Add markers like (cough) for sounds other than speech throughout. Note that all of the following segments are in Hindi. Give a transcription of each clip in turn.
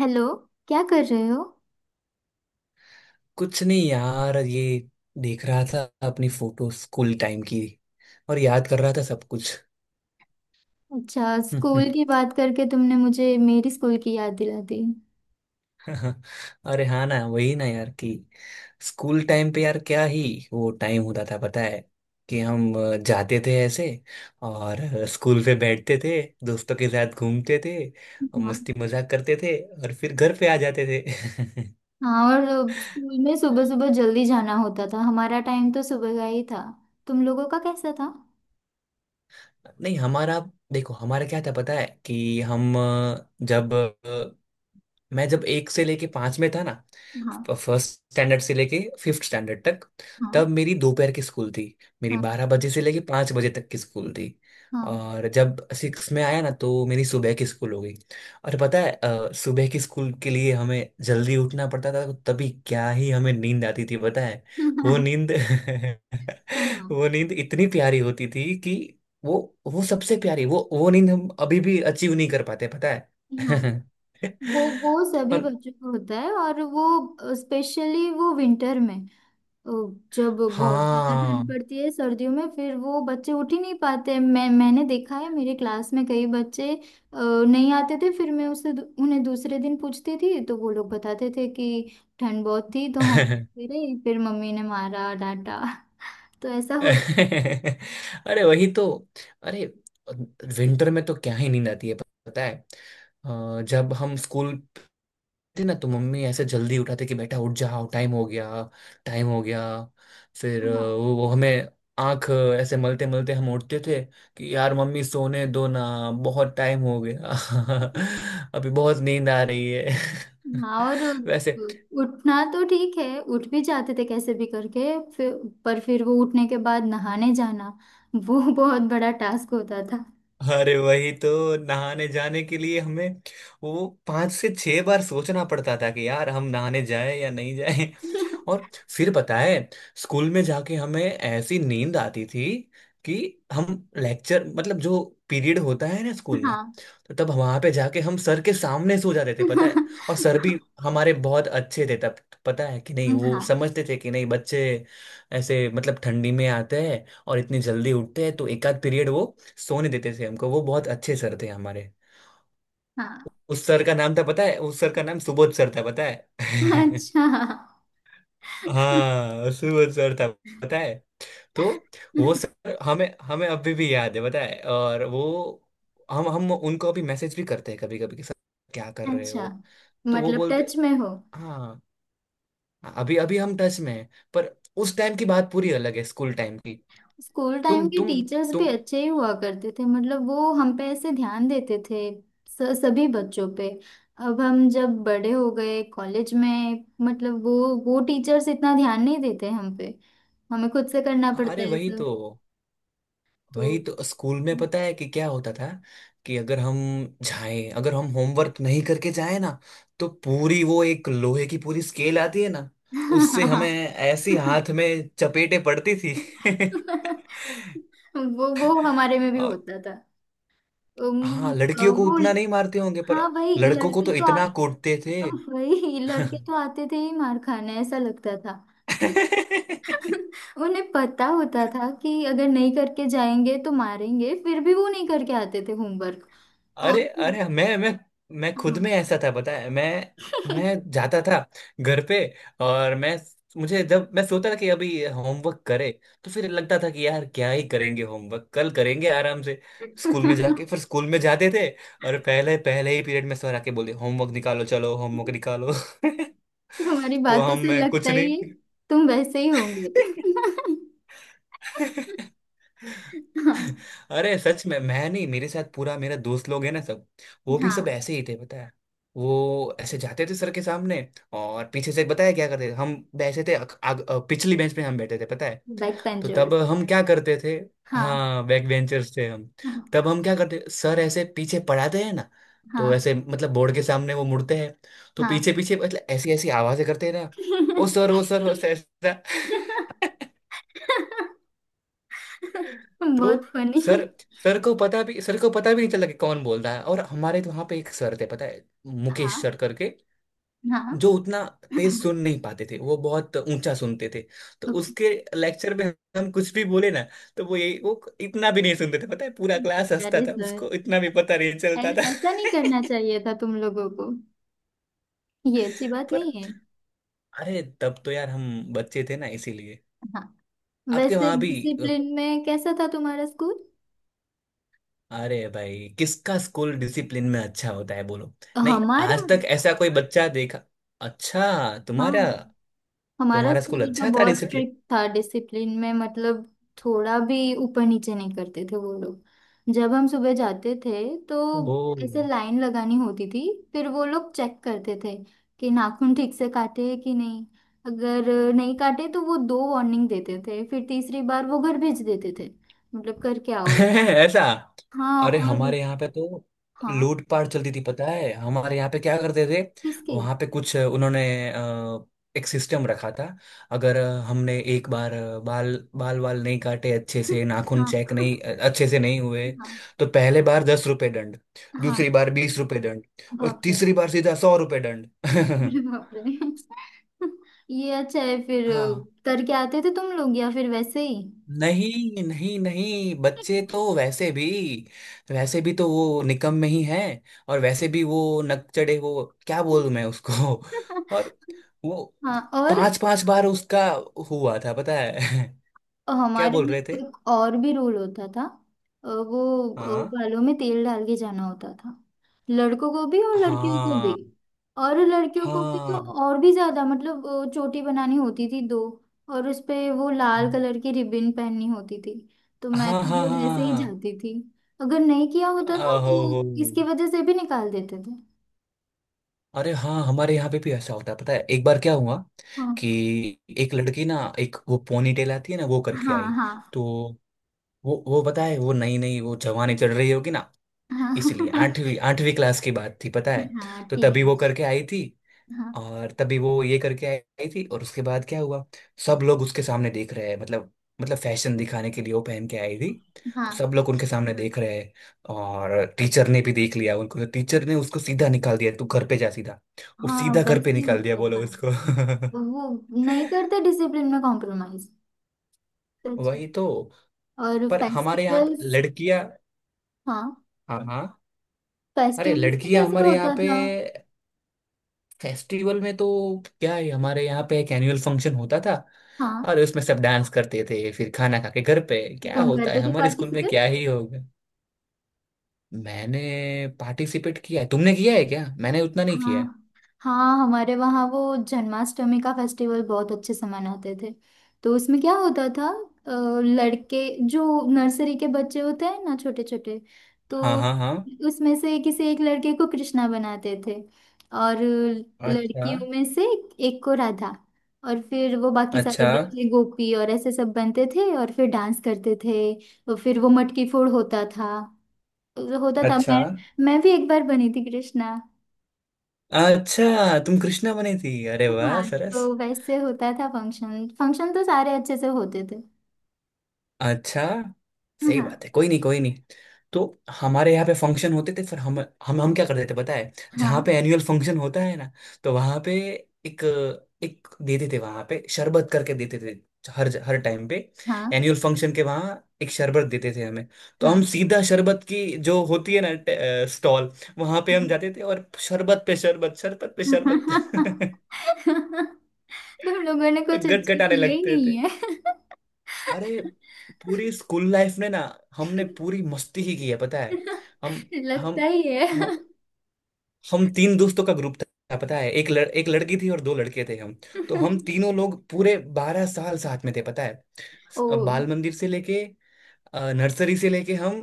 हेलो। क्या कर रहे हो? कुछ नहीं यार, ये देख रहा था अपनी फोटो स्कूल टाइम की, और याद कर रहा था सब कुछ। अच्छा, स्कूल की बात करके तुमने मुझे मेरी स्कूल की याद दिला दी। (laughs) अरे हाँ ना, वही ना यार, कि स्कूल टाइम पे यार क्या ही वो टाइम होता था, पता है। कि हम जाते थे ऐसे, और स्कूल पे बैठते थे, दोस्तों के साथ घूमते थे, और हाँ। मस्ती मजाक करते थे, और फिर घर पे आ जाते थे। हाँ, और स्कूल में सुबह सुबह जल्दी जाना होता था। हमारा टाइम तो सुबह का ही था। तुम लोगों का कैसा था? (laughs) नहीं हमारा, देखो हमारा क्या था पता है। कि हम अ, जब मैं जब एक से लेके पांच में था ना, हाँ। फर्स्ट स्टैंडर्ड से लेके फिफ्थ स्टैंडर्ड तक, हाँ। तब मेरी दोपहर की स्कूल थी। मेरी हाँ। 12 बजे से लेके 5 बजे तक की स्कूल थी। हाँ। और जब सिक्स में आया ना, तो मेरी सुबह की स्कूल हो गई। और पता है, सुबह की स्कूल के लिए हमें जल्दी उठना पड़ता था, तो तभी क्या ही हमें नींद आती थी पता है। वो (laughs) नींद हाँ। (laughs) वो नींद इतनी प्यारी होती थी कि वो वो सबसे प्यारी, वो नींद हम अभी भी अचीव नहीं कर पाते पता हाँ, है। वो (laughs) सभी पर। बच्चों को होता है। और वो स्पेशली वो विंटर में अ, जब बहुत ज्यादा हाँ। ठंड पड़ती है सर्दियों में, फिर वो बच्चे उठ ही नहीं पाते। मैंने देखा है, मेरे क्लास में कई बच्चे नहीं आते थे। फिर मैं उन्हें दूसरे दिन पूछती थी तो वो लोग बताते थे कि ठंड बहुत थी तो हम (laughs) फिरे, फिर मम्मी ने मारा, डांटा। (laughs) तो ऐसा होता। अरे वही तो। अरे विंटर में तो क्या ही नींद आती है पता है। जब हम स्कूल थे ना, तो मम्मी ऐसे जल्दी उठाते कि बेटा उठ जाओ, टाइम हो गया, टाइम हो गया। फिर हाँ। वो हमें आंख ऐसे मलते मलते हम उठते थे, कि यार मम्मी सोने दो ना, बहुत टाइम हो गया। (laughs) अभी बहुत नींद आ रही है। (laughs) हाँ, और वैसे। उठना तो ठीक है, उठ भी जाते थे कैसे भी करके। फिर पर फिर वो उठने के बाद नहाने जाना, वो (laughs) बहुत बड़ा टास्क होता था। अरे वही तो, नहाने जाने के लिए हमें वो 5 से 6 बार सोचना पड़ता था कि यार हम नहाने जाए या नहीं जाए। और (laughs) फिर पता है, स्कूल में जाके हमें ऐसी नींद आती थी कि हम लेक्चर मतलब जो पीरियड होता है ना स्कूल में, हाँ। तो तब वहां पे जाके हम सर के सामने सो जाते थे पता है। हाँ। और सर भी हमारे बहुत अच्छे थे तब, पता है कि नहीं। वो हाँ। समझते थे कि नहीं बच्चे ऐसे मतलब ठंडी में आते हैं और इतनी जल्दी उठते हैं, तो एक आध पीरियड वो सोने देते थे हमको। वो बहुत अच्छे सर थे हमारे। हाँ। उस सर का नाम था पता है, उस सर का नाम सुबोध सर था पता है। (laughs) अच्छा। हाँ सुबोध सर था पता है। तो वो सर हमें हमें अभी भी याद है पता है। और वो हम उनको अभी मैसेज भी करते हैं कभी कभी, कि सर क्या कर रहे अच्छा, हो। तो वो मतलब बोलते, टच में हो। हाँ, अभी अभी हम टच में हैं। पर उस टाइम की बात पूरी अलग है, स्कूल टाइम की। स्कूल टाइम तुम के तुम टीचर्स भी तुम अच्छे ही हुआ करते थे। मतलब वो हम पे ऐसे ध्यान देते थे, सभी बच्चों पे। अब हम जब बड़े हो गए कॉलेज में, मतलब वो टीचर्स इतना ध्यान नहीं देते हम पे। हमें खुद से करना पड़ता अरे है वही सब। तो, तो वही तो स्कूल में पता है कि क्या होता था। कि अगर हम होमवर्क नहीं करके जाए ना, तो पूरी वो एक लोहे की पूरी स्केल आती है ना, उससे हमें ऐसी (laughs) हाथ में चपेटे पड़ती थी। (laughs) वो हमारे में भी और। होता। उम, हाँ लड़कियों को वो उतना नहीं मारते होंगे, पर हाँ, लड़कों को तो इतना कूटते थे। वही लड़के तो आते थे ही मार खाने। ऐसा लगता था। (laughs) उन्हें पता होता (laughs) था कि अगर नहीं करके जाएंगे तो मारेंगे, फिर भी वो नहीं करके आते थे होमवर्क। और अरे अरे, मैं खुद में हाँ। ऐसा था बताया है। मैं जाता था घर पे। और मैं मुझे जब मैं सोचता था कि अभी होमवर्क करे, तो फिर लगता था कि यार क्या ही करेंगे, होमवर्क कल करेंगे आराम से। स्कूल में जाके (laughs) फिर स्कूल में जाते थे, और पहले पहले ही पीरियड में सर आके बोले, होमवर्क निकालो, चलो होमवर्क निकालो। तुम्हारी (laughs) तो बातों हम से मैं लगता कुछ ही है, नहीं। तुम वैसे ही होंगे। (laughs) (laughs) हाँ। अरे सच में मैं नहीं, मेरे साथ पूरा मेरा दोस्त लोग है ना सब, वो भी हाँ, सब ऐसे ही थे पता है। वो ऐसे जाते थे सर के सामने, और पीछे से बताया क्या करते थे, हम बैठे थे पिछली बेंच पे हम बैठे थे पता है। बैक तो तब पेंचर्स। हम क्या करते थे, हाँ। हाँ बैक बेंचर्स थे हम। तब हाँ। हम क्या करते, सर ऐसे पीछे पढ़ाते हैं ना, हाँ। तो ऐसे मतलब बोर्ड के सामने वो मुड़ते हैं, तो पीछे पीछे मतलब ऐसी ऐसी आवाजें करते हैं ना, ओ सर हाँ। ओ सर ओ सर ऐसा। (laughs) (laughs) (laughs) बहुत तो फनी। सर सर को पता भी सर को पता भी नहीं चला कि कौन बोल रहा है। और हमारे तो वहां पे एक सर थे पता है, मुकेश हाँ। सर करके, हाँ। जो उतना तेज (clears throat) सुन नहीं पाते थे, वो बहुत ऊंचा सुनते थे। तो ओके। उसके लेक्चर में हम कुछ भी बोले ना, तो वो इतना भी नहीं सुनते थे पता है, पूरा क्लास दैट हंसता था, इज गुड। उसको इतना भी पता नहीं चलता था। ऐसा नहीं करना चाहिए था तुम लोगों को। ये अच्छी बात (laughs) पर, नहीं है। अरे तब तो यार हम बच्चे थे ना इसीलिए। हाँ, आपके वैसे वहां भी। डिसिप्लिन में कैसा था तुम्हारा स्कूल? अरे भाई किसका स्कूल डिसिप्लिन में अच्छा होता है बोलो, नहीं हमारा। आज तक ऐसा कोई बच्चा देखा। अच्छा हाँ, तुम्हारा हमारा तुम्हारा स्कूल स्कूल तो अच्छा था हमारे बहुत डिसिप्लिन। स्ट्रिक्ट था डिसिप्लिन में। मतलब थोड़ा भी ऊपर नीचे नहीं करते थे वो लोग। जब हम सुबह जाते थे तो ओ। ऐसे लाइन लगानी होती थी। फिर वो लोग चेक करते थे कि नाखून ठीक से काटे हैं कि नहीं। अगर नहीं काटे तो वो दो वार्निंग देते थे, फिर तीसरी बार वो घर भेज देते थे। मतलब करके (laughs) आओ भाई। ऐसा। हाँ, अरे और हमारे यहाँ पे तो हाँ। लूटपाट चलती थी पता है, हमारे यहाँ पे क्या करते थे, किसकी? वहां पे कुछ उन्होंने अ, एक सिस्टम रखा था। अगर हमने एक बार बाल बाल वाल नहीं काटे, अच्छे से (laughs) नाखून हाँ। चेक नहीं, अच्छे से नहीं हुए, हाँ। तो पहले बार 10 रुपए दंड, हाँ, दूसरी बार 20 रुपए दंड, और बाप रे। तीसरी बार सीधा 100 रुपए दंड। अरे (laughs) बाप रे। (laughs) ये अच्छा है। फिर हाँ। करके आते थे तुम लोग या फिर वैसे ही? नहीं नहीं नहीं, बच्चे तो वैसे भी, तो वो निकम में ही है। और वैसे भी वो नकचढ़े, वो क्या बोलूं मैं उसको। (laughs) और (laughs) वो हाँ, पांच पांच बार उसका हुआ था पता है। और (laughs) क्या हमारे बोल में रहे थे। एक और भी रूल होता था। वो हाँ बालों में तेल डाल के जाना होता था। लड़कों को भी और लड़कियों को भी। हाँ और लड़कियों को भी तो हाँ और भी ज्यादा। मतलब चोटी बनानी होती थी दो। और उस पे वो लाल कलर की रिबन पहननी होती थी। तो मैं हाँ, हाँ तो हाँ रोज ऐसे ही हाँ, जाती थी। अगर नहीं किया होता था ओहो तो हो। इसकी वजह से भी निकाल देते थे। अरे हाँ, हमारे यहाँ पे भी ऐसा होता है पता है। एक बार क्या हुआ कि हाँ। एक लड़की ना, एक वो पोनी टेल आती है ना, वो करके हाँ। आई। हाँ। तो वो पता है, वो नई नई वो जवानी चढ़ रही होगी ना इसलिए, हाँ। (laughs) आठवीं आठवीं क्लास की बात थी पता है। हाँ, तो तभी वो टीनेज। करके आई थी, हाँ। और तभी वो ये करके आई थी, और उसके बाद क्या हुआ, सब लोग उसके सामने देख रहे हैं मतलब, फैशन दिखाने के लिए वो पहन के आई थी, तो हाँ। सब लोग उनके सामने देख रहे हैं। और टीचर ने भी देख लिया उनको, तो टीचर ने उसको सीधा निकाल दिया, तू घर पे जा सीधा। वो हाँ, सीधा घर वैसे पे ही निकाल दिया होता था। बोलो उसको। वो नहीं करते डिसिप्लिन में कॉम्प्रोमाइज। (laughs) सच में। वही तो, और पर हमारे यहाँ पे फेस्टिवल्स। लड़कियां। हाँ। हाँ हाँ। अरे फेस्टिवल्स में लड़कियां कैसे हमारे यहाँ होता पे था? फेस्टिवल में तो, क्या है हमारे यहाँ पे एक एनुअल फंक्शन होता था, हाँ। और उसमें सब डांस करते थे, फिर खाना खा के घर पे। क्या तुम होता है करते थे हमारे स्कूल में, पार्टिसिपेट? क्या ही होगा। मैंने पार्टिसिपेट किया है, तुमने किया है क्या, मैंने उतना नहीं किया है। हाँ। हाँ, हमारे वहाँ वो जन्माष्टमी का फेस्टिवल बहुत अच्छे से मनाते थे। तो उसमें क्या होता था? लड़के, जो नर्सरी के बच्चे होते हैं ना, छोटे छोटे, तो हाँ हाँ हाँ। उसमें से किसी एक लड़के को कृष्णा बनाते थे। और अच्छा लड़कियों में से एक को राधा। और फिर वो बाकी सारे अच्छा बच्चे गोपी और ऐसे सब बनते थे और फिर डांस करते थे। और फिर वो मटकी फोड़ होता था। होता था। अच्छा। मैं भी एक बार बनी थी कृष्णा। अच्छा तुम कृष्णा बनी थी? अरे हाँ। वाह सरस। तो वैसे होता था फंक्शन। फंक्शन तो सारे अच्छे से होते थे। अच्छा, सही हाँ। बात है, कोई नहीं कोई नहीं। तो हमारे यहाँ पे फंक्शन होते थे, फिर हम क्या करते थे पता है, हाँ। जहाँ पे एनुअल फंक्शन होता है ना, तो वहाँ पे एक एक देते थे, वहाँ पे शरबत करके देते थे। हर हर टाइम पे हाँ। एनुअल फंक्शन के वहाँ एक शरबत देते थे हमें। तो हम हाँ। सीधा शरबत की जो होती है ना स्टॉल, वहाँ पे हम जाते थे, और शरबत पे शरबत, शरबत पे हाँ। शरबत। (laughs) तुम लोगों ने कुछ (laughs) अच्छा गटगटाने किया ही लगते। नहीं है। अरे पूरी स्कूल लाइफ में ना, हमने पूरी मस्ती ही की है पता है। हम (laughs) हम लगता ही है। हम हम तीन दोस्तों का ग्रुप था पता है, एक लड़की थी और दो लड़के थे हम। तो हम (laughs) तीनों लोग पूरे 12 साल साथ में थे पता है, ओ, बाल मंदिर से लेके नर्सरी से लेके, हम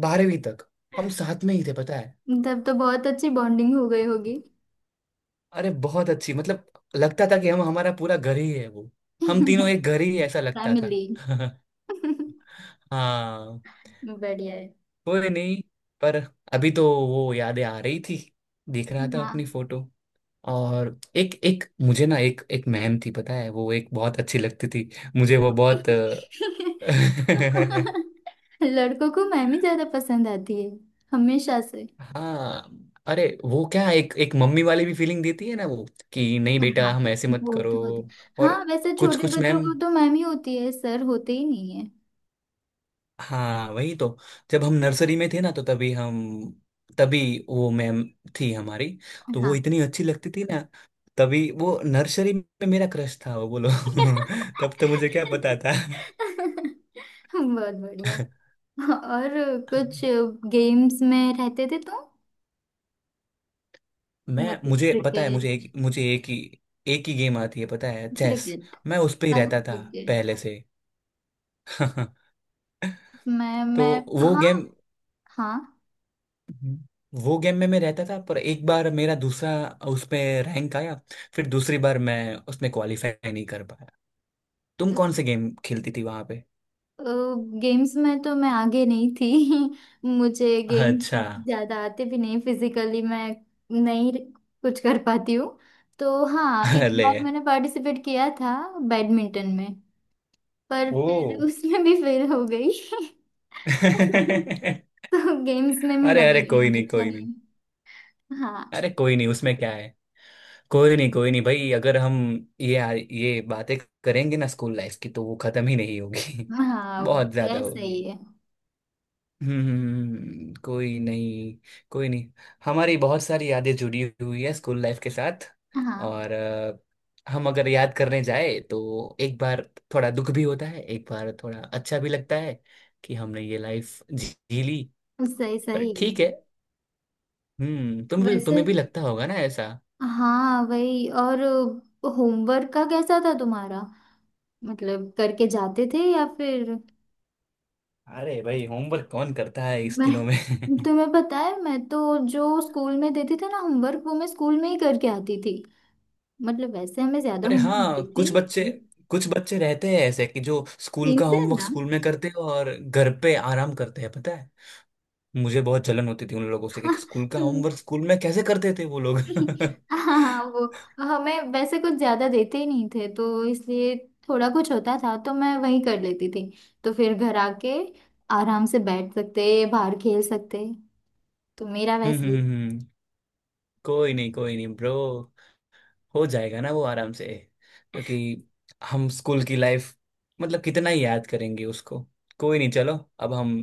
बारहवीं तक हम साथ में ही थे पता है। तब तो बहुत अच्छी बॉन्डिंग हो गई होगी। अरे बहुत अच्छी मतलब, लगता था कि हम हमारा पूरा घर ही है वो, हम तीनों एक (laughs) घर ही है, ऐसा लगता था। फैमिली। (laughs) (laughs) हाँ। बढ़िया है। कोई नहीं। पर अभी तो वो यादें आ रही थी, देख रहा था अपनी हाँ। फोटो। और एक एक मुझे ना एक एक मैम थी पता है, वो एक बहुत अच्छी लगती थी मुझे, वो बहुत (laughs) (laughs) (laughs) लड़कों को मैमी ज्यादा पसंद आती है हमेशा से। हाँ। अरे वो क्या, एक एक मम्मी वाली भी फीलिंग देती है ना वो, कि नहीं बेटा हाँ, हम ऐसे मत वो करो। तो होता। और हाँ, वैसे कुछ छोटे कुछ बच्चों मैम। को तो मैमी होती है, सर होते ही नहीं है। हाँ वही तो, जब हम नर्सरी में थे ना, तो तभी वो मैम थी हमारी। तो वो हाँ। इतनी अच्छी लगती थी ना, तभी वो नर्सरी में मेरा क्रश था वो, बोलो। (laughs) तब तो मुझे क्या पता था। (laughs) बहुत बढ़िया। (laughs) और कुछ गेम्स में रहते थे तुम? मैं मतलब मुझे पता है, क्रिकेट। मुझे एक ही गेम आती है पता है, चेस। क्रिकेट। मैं उस पे ही रहता था ओके। पहले से। (laughs) मैं तो मैं वो हाँ। गेम। हाँ, हम्म। वो गेम में मैं रहता था, पर एक बार मेरा दूसरा उसमें रैंक आया, फिर दूसरी बार मैं उसमें क्वालिफाई नहीं कर पाया। तुम कौन से गेम खेलती थी वहां पे? गेम्स में तो मैं आगे नहीं थी। (laughs) मुझे गेम अच्छा। ज्यादा आते भी नहीं। फिजिकली मैं नहीं कुछ कर पाती हूँ। तो हाँ, एक अरे। बार मैंने पार्टिसिपेट किया था बैडमिंटन में। पर फिर (laughs) ओ। उसमें भी फेल हो गई। (laughs) (laughs) अरे तो गेम्स में मेरा अरे, कोई बैकग्राउंड नहीं अच्छा कोई नहीं, नहीं है। हाँ। अरे कोई नहीं, उसमें क्या है, कोई नहीं भाई। अगर हम ये ये बातें करेंगे ना स्कूल लाइफ की, तो वो खत्म ही नहीं होगी। (laughs) हाँ, बहुत ज्यादा वैसा ही होगी। है। कोई नहीं कोई नहीं। हमारी बहुत सारी यादें जुड़ी हुई है स्कूल लाइफ के साथ। हाँ, और हम अगर याद करने जाए तो, एक बार थोड़ा दुख भी होता है, एक बार थोड़ा अच्छा भी लगता है कि हमने ये लाइफ जी ली। सही। पर सही ठीक है। है। हम्म। वैसे तुम्हें भी लगता होगा ना ऐसा। हाँ, वही। और होमवर्क का कैसा था तुम्हारा? मतलब करके जाते थे या फिर? अरे भाई होमवर्क कौन करता है इस मैं, दिनों में। (laughs) तुम्हें पता है, मैं तो जो स्कूल में देती थी ना होमवर्क, वो मैं स्कूल में ही करके आती थी। मतलब वैसे हमें ज्यादा अरे होमवर्क हाँ, देती नहीं थी। कुछ बच्चे रहते हैं ऐसे कि जो स्कूल तीन का से है होमवर्क ना? स्कूल में करते हैं और घर पे आराम करते हैं पता है। मुझे बहुत जलन होती थी उन लोगों से, कि स्कूल का (laughs) होमवर्क स्कूल में कैसे करते थे वो लोग। (laughs) हाँ। हाँ, हाँ, वो हमें वैसे कुछ ज्यादा देते ही नहीं थे तो इसलिए थोड़ा कुछ होता था तो मैं वही कर लेती थी। तो फिर घर आके आराम से बैठ सकते, बाहर खेल सकते। तो मेरा हम्म, वैसे ही। हम्म, कोई नहीं ब्रो, हो जाएगा ना वो आराम से। क्योंकि हम स्कूल की लाइफ मतलब कितना ही याद करेंगे उसको। कोई नहीं, चलो अब हम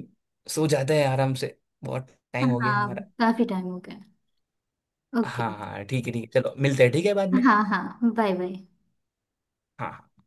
सो जाते हैं आराम से, बहुत टाइम हो गया हाँ, हमारा। काफी टाइम हो गया। ओके। हाँ हाँ, ठीक है ठीक है, चलो मिलते हैं, ठीक है बाद में। हाँ, हाँ, बाय बाय। हाँ हाँ।